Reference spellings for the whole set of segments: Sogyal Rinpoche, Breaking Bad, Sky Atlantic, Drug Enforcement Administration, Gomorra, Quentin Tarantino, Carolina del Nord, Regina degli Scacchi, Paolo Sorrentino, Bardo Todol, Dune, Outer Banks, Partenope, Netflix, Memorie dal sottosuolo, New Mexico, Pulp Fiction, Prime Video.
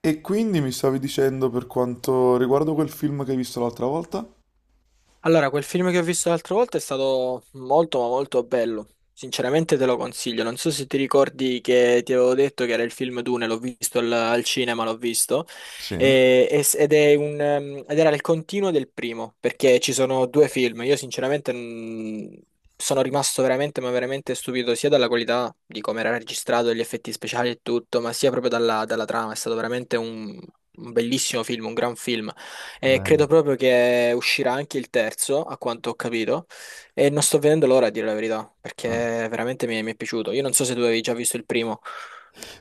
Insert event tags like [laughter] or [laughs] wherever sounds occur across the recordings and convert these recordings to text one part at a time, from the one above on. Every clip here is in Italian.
E quindi mi stavi dicendo per quanto riguardo quel film che hai visto l'altra volta? Allora, quel film che ho visto l'altra volta è stato molto ma molto bello. Sinceramente te lo consiglio. Non so se ti ricordi che ti avevo detto che era il film Dune, l'ho visto al cinema, l'ho visto. Sì, Ed è un, ed era il continuo del primo, perché ci sono due film. Io sinceramente sono rimasto veramente ma veramente stupito sia dalla qualità di come era registrato, gli effetti speciali e tutto, ma sia proprio dalla trama. È stato veramente un bellissimo film, un gran film. E credo bello. proprio che uscirà anche il terzo, a quanto ho capito, e non sto vedendo l'ora a dire la verità, perché veramente mi è piaciuto. Io non so se tu avevi già visto il primo.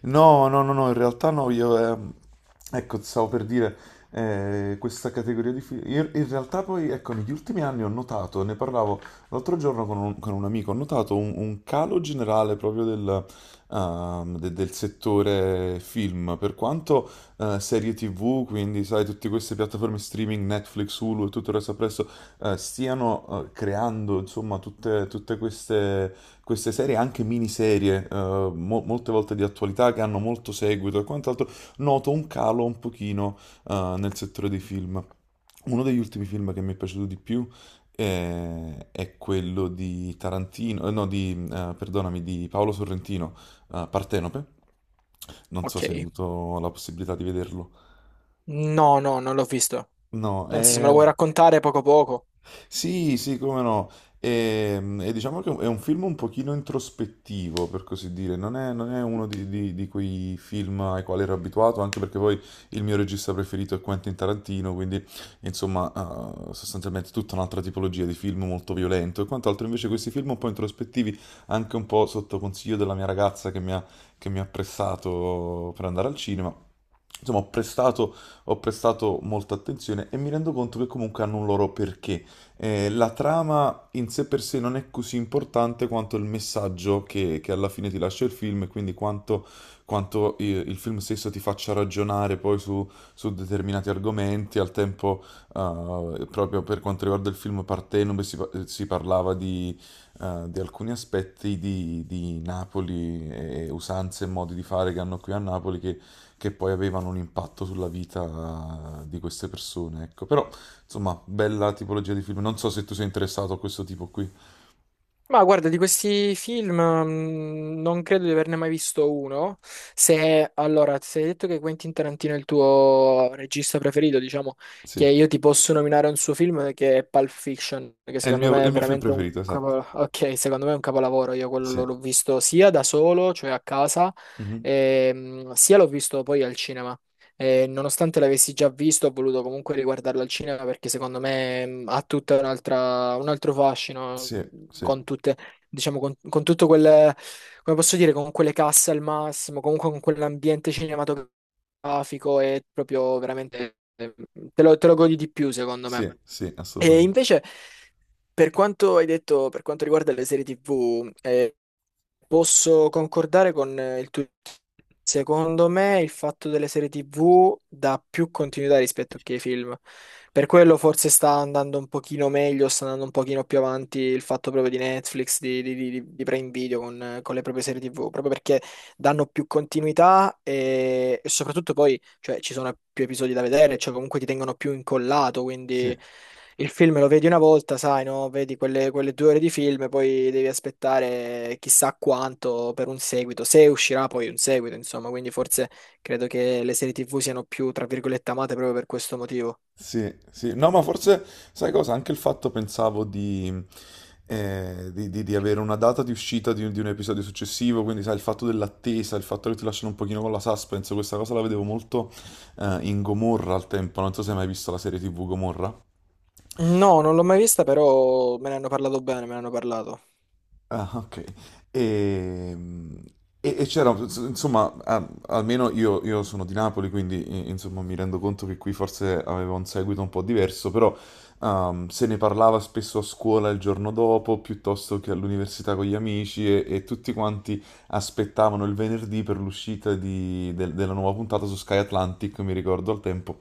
No, no, no, no, in realtà no, io, ecco, stavo per dire, questa categoria di film, in realtà poi, ecco, negli ultimi anni ho notato, ne parlavo l'altro giorno con un amico, ho notato un calo generale proprio del settore film, per quanto serie TV, quindi sai, tutte queste piattaforme streaming, Netflix, Hulu e tutto il resto appresso, stiano creando, insomma, tutte queste serie, anche miniserie, molte volte di attualità che hanno molto seguito e quant'altro, noto un calo un pochino nel settore dei film. Uno degli ultimi film che mi è piaciuto di più è quello di Tarantino, no, perdonami, di Paolo Sorrentino, Partenope. Non so Ok. se hai avuto la possibilità di vederlo. No, no, non l'ho visto. No, Anzi, se me è. lo vuoi raccontare poco poco. Sì, sì, come no. E diciamo che è un film un pochino introspettivo, per così dire, non è uno di quei film ai quali ero abituato, anche perché poi il mio regista preferito è Quentin Tarantino, quindi insomma, sostanzialmente tutta un'altra tipologia di film molto violento e quant'altro. Invece questi film un po' introspettivi, anche un po' sotto consiglio della mia ragazza che mi ha pressato per andare al cinema. Insomma, ho prestato molta attenzione e mi rendo conto che comunque hanno un loro perché la trama in sé per sé non è così importante quanto il messaggio che alla fine ti lascia il film e quindi quanto il film stesso ti faccia ragionare poi su determinati argomenti. Al tempo, proprio per quanto riguarda il film Partenope, si parlava di alcuni aspetti di Napoli e usanze e modi di fare che hanno qui a Napoli che poi avevano un impatto sulla vita di queste persone, ecco. Però insomma, bella tipologia di film. Non so se tu sei interessato a questo tipo qui. Ma guarda, di questi film non credo di averne mai visto uno. Se, allora, se hai detto che Quentin Tarantino è il tuo regista preferito, diciamo Sì, che io ti posso nominare un suo film che è Pulp Fiction, che È il secondo mio, me è il è mio film veramente un preferito, esatto. capolavoro. Ok, secondo me è un capolavoro. Io quello l'ho Sì. l'ho visto sia da solo, cioè a casa, Mhm. e, sia l'ho visto poi al cinema. E nonostante l'avessi già visto, ho voluto comunque riguardarlo al cinema perché secondo me ha tutta un'altra, un altro fascino Sì, sì, con tutte, diciamo, con tutto quel, come posso dire, con quelle casse al massimo, comunque con quell'ambiente cinematografico è proprio veramente, te lo godi di più secondo me. sì, sì, E assolutamente. invece, per quanto hai detto, per quanto riguarda le serie TV, posso concordare con il tuo... Secondo me il fatto delle serie TV dà più continuità rispetto che ai film. Per quello forse sta andando un pochino meglio, sta andando un pochino più avanti il fatto proprio di Netflix, di Prime Video con le proprie serie TV, proprio perché danno più continuità e soprattutto poi cioè, ci sono più episodi da vedere, cioè comunque ti tengono più incollato, Sì, quindi... Il film lo vedi una volta, sai, no? Vedi quelle, quelle due ore di film, poi devi aspettare chissà quanto per un seguito, se uscirà poi un seguito, insomma, quindi forse credo che le serie TV siano più, tra virgolette, amate proprio per questo motivo. sì, sì. No, ma forse, sai cosa? Anche il fatto, pensavo, di avere una data di uscita di un episodio successivo, quindi, sai, il fatto dell'attesa, il fatto che ti lasciano un pochino con la suspense, questa cosa la vedevo molto, in Gomorra al tempo. Non so se hai mai visto la serie TV Gomorra. No, non l'ho mai vista, però me ne hanno parlato bene, me ne hanno parlato. Ah, ok. Ehm, e c'era, insomma, ah, almeno io sono di Napoli, quindi insomma mi rendo conto che qui forse aveva un seguito un po' diverso, però se ne parlava spesso a scuola il giorno dopo, piuttosto che all'università con gli amici e tutti quanti aspettavano il venerdì per l'uscita della nuova puntata su Sky Atlantic, mi ricordo al tempo.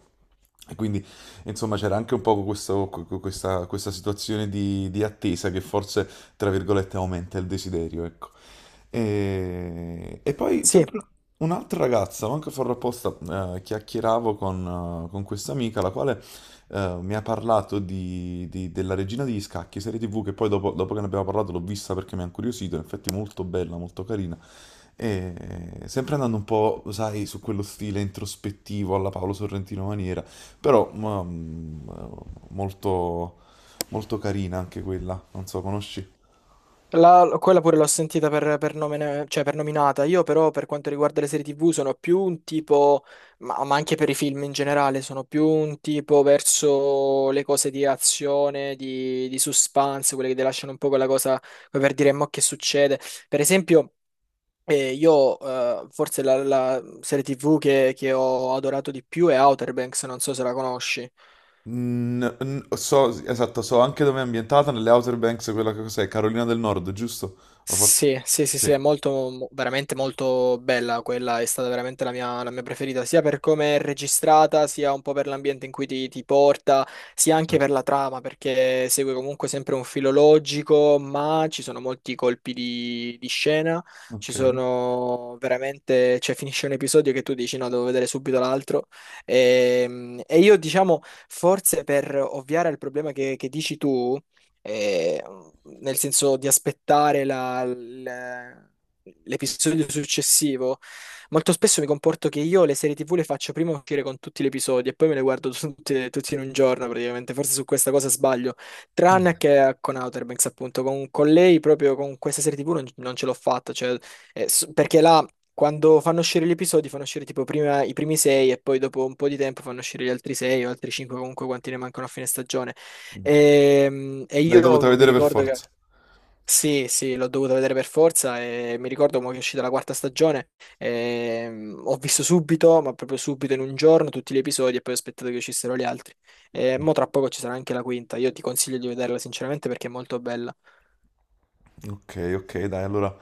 E quindi, insomma, c'era anche un po' questa situazione di attesa che forse tra virgolette, aumenta il desiderio, ecco. E poi Sì. sempre un'altra ragazza, manco farlo apposta, chiacchieravo con questa amica, la quale mi ha parlato della Regina degli Scacchi, serie TV, che poi dopo che ne abbiamo parlato l'ho vista perché mi ha incuriosito, in effetti molto bella, molto carina. E sempre andando un po', sai, su quello stile introspettivo alla Paolo Sorrentino maniera, però molto, molto carina anche quella, non so, conosci? La- quella pure l'ho sentita per nome- cioè per nominata. Io però per quanto riguarda le serie TV sono più un tipo, ma anche per i film in generale, sono più un tipo verso le cose di azione, di suspense, quelle che ti lasciano un po' quella cosa come per dire mo che succede. Per esempio, io forse la serie TV che ho adorato di più è Outer Banks, non so se la conosci. Mm, so, esatto, so anche dove è ambientata, nelle Outer Banks, quella che cos'è, Carolina del Nord, giusto? O forse. Sì, sì, sì, sì, Sì, è molto, mo- veramente molto bella quella, è stata veramente la mia preferita, sia per come è registrata, sia un po' per l'ambiente in cui ti porta, sia anche certo. per la trama, perché segue comunque sempre un filo logico, ma ci sono molti colpi di scena, ci Ok. sono veramente, cioè finisce un episodio che tu dici no, devo vedere subito l'altro, e io diciamo, forse per ovviare al problema che dici tu, eh, nel senso di aspettare l'episodio successivo, molto spesso mi comporto che io le serie TV le faccio prima uscire con tutti gli episodi e poi me le guardo [laughs] tutte, tutti in un giorno praticamente. Forse su questa cosa sbaglio, tranne che con Outer Banks, appunto, con lei proprio con questa serie TV non, non ce l'ho fatta, cioè, perché là. Quando fanno uscire gli episodi, fanno uscire tipo prima i primi sei e poi dopo un po' di tempo fanno uscire gli altri sei o altri cinque, comunque quanti ne mancano a fine stagione. E L'hai io dovuta mi vedere per ricordo che forza. sì, sì, l'ho dovuta vedere per forza e mi ricordo mo che è uscita la quarta stagione. E, ho visto subito, ma proprio subito in un giorno, tutti gli episodi e poi ho aspettato che uscissero gli altri. E mo tra poco ci sarà anche la quinta. Io ti consiglio di vederla sinceramente perché è molto bella. Ok, ok, dai, allora.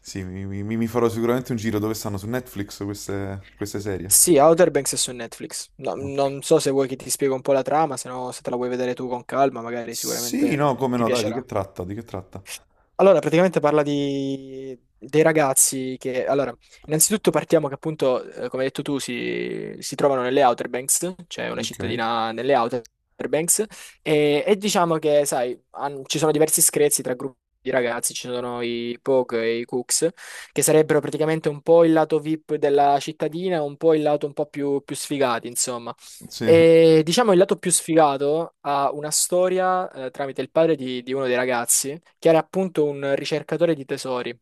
Sì, mi farò sicuramente un giro dove stanno su Netflix queste serie. Sì, Outer Banks è su Netflix. No, Ok. non so se vuoi che ti spiego un po' la trama, se no se te la vuoi vedere tu con calma, magari Sì, sicuramente no, come ti no, dai, di che piacerà. tratta? Di che tratta? Allora, praticamente parla di, dei ragazzi che, allora, innanzitutto partiamo che appunto, come hai detto tu, si trovano nelle Outer Banks, cioè una Ok. cittadina nelle Outer Banks, e diciamo che, sai, han- ci sono diversi screzi tra gruppi di ragazzi, ci sono i Pogue e i Cooks, che sarebbero praticamente un po' il lato VIP della cittadina, un po' il lato un po' più, più sfigati, insomma. Sì. E diciamo il lato più sfigato ha una storia tramite il padre di uno dei ragazzi, che era appunto un ricercatore di tesori.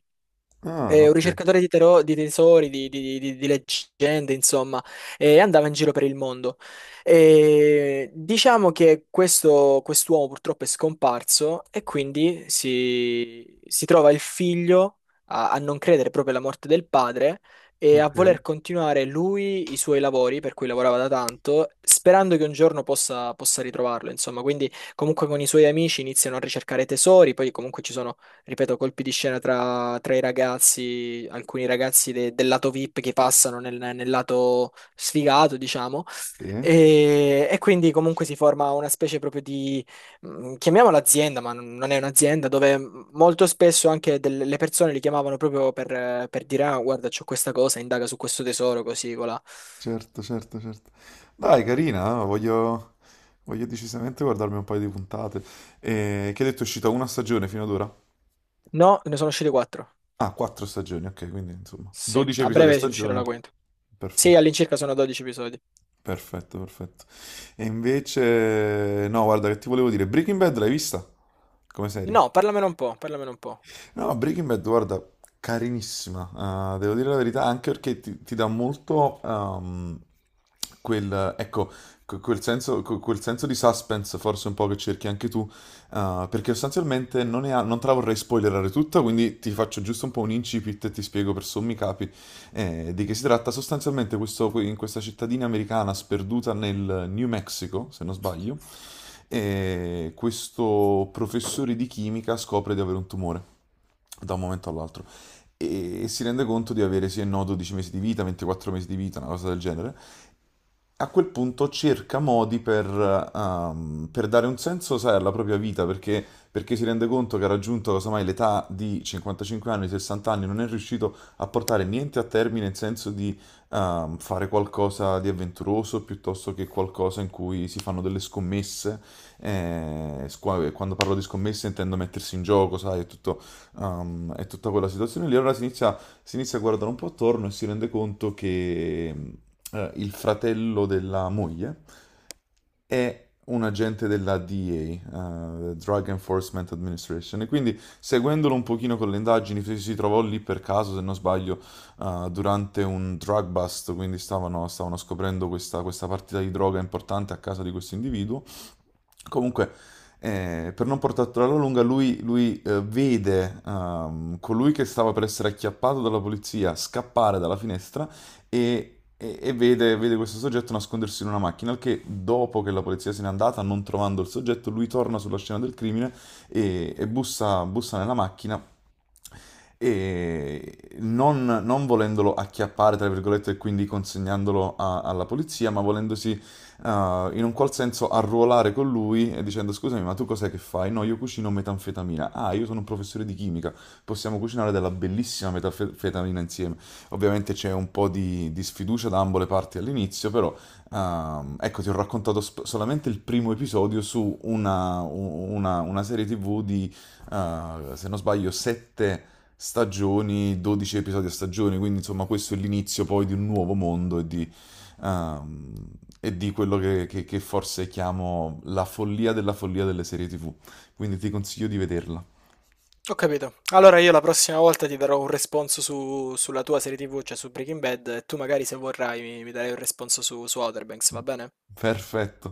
Ah, È un ok. ricercatore di, tero- di tesori, di leggende, insomma, e andava in giro per il mondo. E diciamo che questo, quest'uomo purtroppo è scomparso e quindi si trova il figlio a, a non credere proprio alla morte del padre e a Ok. voler continuare lui i suoi lavori per cui lavorava da tanto, sperando che un giorno possa ritrovarlo, insomma. Quindi comunque con i suoi amici iniziano a ricercare tesori, poi comunque ci sono ripeto, colpi di scena tra, tra i ragazzi, alcuni ragazzi del lato VIP che passano nel, nel lato sfigato, diciamo. Sì, E quindi comunque si forma una specie proprio di, chiamiamola azienda, ma non è un'azienda, dove molto spesso anche delle le persone li chiamavano proprio per dire, ah, guarda, c'ho questa cosa, indaga su questo tesoro, così, colà. certo, certo, certo. Dai, carina, Voglio decisamente guardarmi un paio di puntate. E che hai detto è uscita una stagione fino ad ora? No, ne sono uscite quattro. Ah, 4 stagioni, ok, quindi insomma, Sì, 12 a episodi a breve si uscirà stagione. la quinta. Sì, Perfetto, all'incirca sono 12 episodi. perfetto, perfetto. E invece, no, guarda che ti volevo dire, Breaking Bad l'hai vista? Come serie? No, parlamene un po', parlamene un po'. No, Breaking Bad, guarda, carinissima, devo dire la verità, anche perché ti dà molto ecco, quel senso di suspense, forse un po' che cerchi anche tu, perché sostanzialmente non, ne ha- non te la vorrei spoilerare tutta, quindi ti faccio giusto un po' un incipit e ti spiego per sommi capi di che si tratta. Sostanzialmente in questa cittadina americana sperduta nel New Mexico, se non sbaglio, e questo professore di chimica scopre di avere un tumore da un momento all'altro e si rende conto di avere sì e no 12 mesi di vita, 24 mesi di vita, una cosa del genere. A quel punto cerca modi per dare un senso, sai, alla propria vita, perché si rende conto che ha raggiunto, casomai, l'età di 55 anni, 60 anni, non è riuscito a portare niente a termine in senso di fare qualcosa di avventuroso, piuttosto che qualcosa in cui si fanno delle scommesse. Quando parlo di scommesse intendo mettersi in gioco, sai, è tutto, è tutta quella situazione lì. Allora si inizia a guardare un po' attorno e si rende conto che il fratello della moglie è un agente della DEA, Drug Enforcement Administration, e quindi seguendolo un pochino con le indagini, si trovò lì per caso, se non sbaglio, durante un drug bust, quindi stavano scoprendo questa partita di droga importante a casa di questo individuo. Comunque, per non portarla alla lunga, lui vede colui che stava per essere acchiappato dalla polizia scappare dalla finestra e vede questo soggetto nascondersi in una macchina, al che dopo che la polizia se n'è andata, non trovando il soggetto, lui torna sulla scena del crimine e bussa nella macchina e non volendolo acchiappare, tra virgolette, e quindi consegnandolo alla polizia, ma volendosi in un qual senso arruolare con lui e dicendo scusami, ma tu cos'è che fai? No, io cucino metanfetamina. Ah, io sono un professore di chimica, possiamo cucinare della bellissima metanfetamina insieme. Ovviamente c'è un po' di sfiducia da ambo le parti all'inizio, però ecco, ti ho raccontato solamente il primo episodio su una serie TV di se non sbaglio, 7 stagioni, 12 episodi a stagione, quindi insomma questo è l'inizio poi di un nuovo mondo ehm, e di quello che forse chiamo la follia della follia delle serie TV. Quindi ti consiglio di vederla. Ho capito. Allora io la prossima volta ti darò un responso sulla tua serie TV, cioè su Breaking Bad, e tu magari se vorrai mi darai un responso su, su Outer Banks, va bene? Perfetto.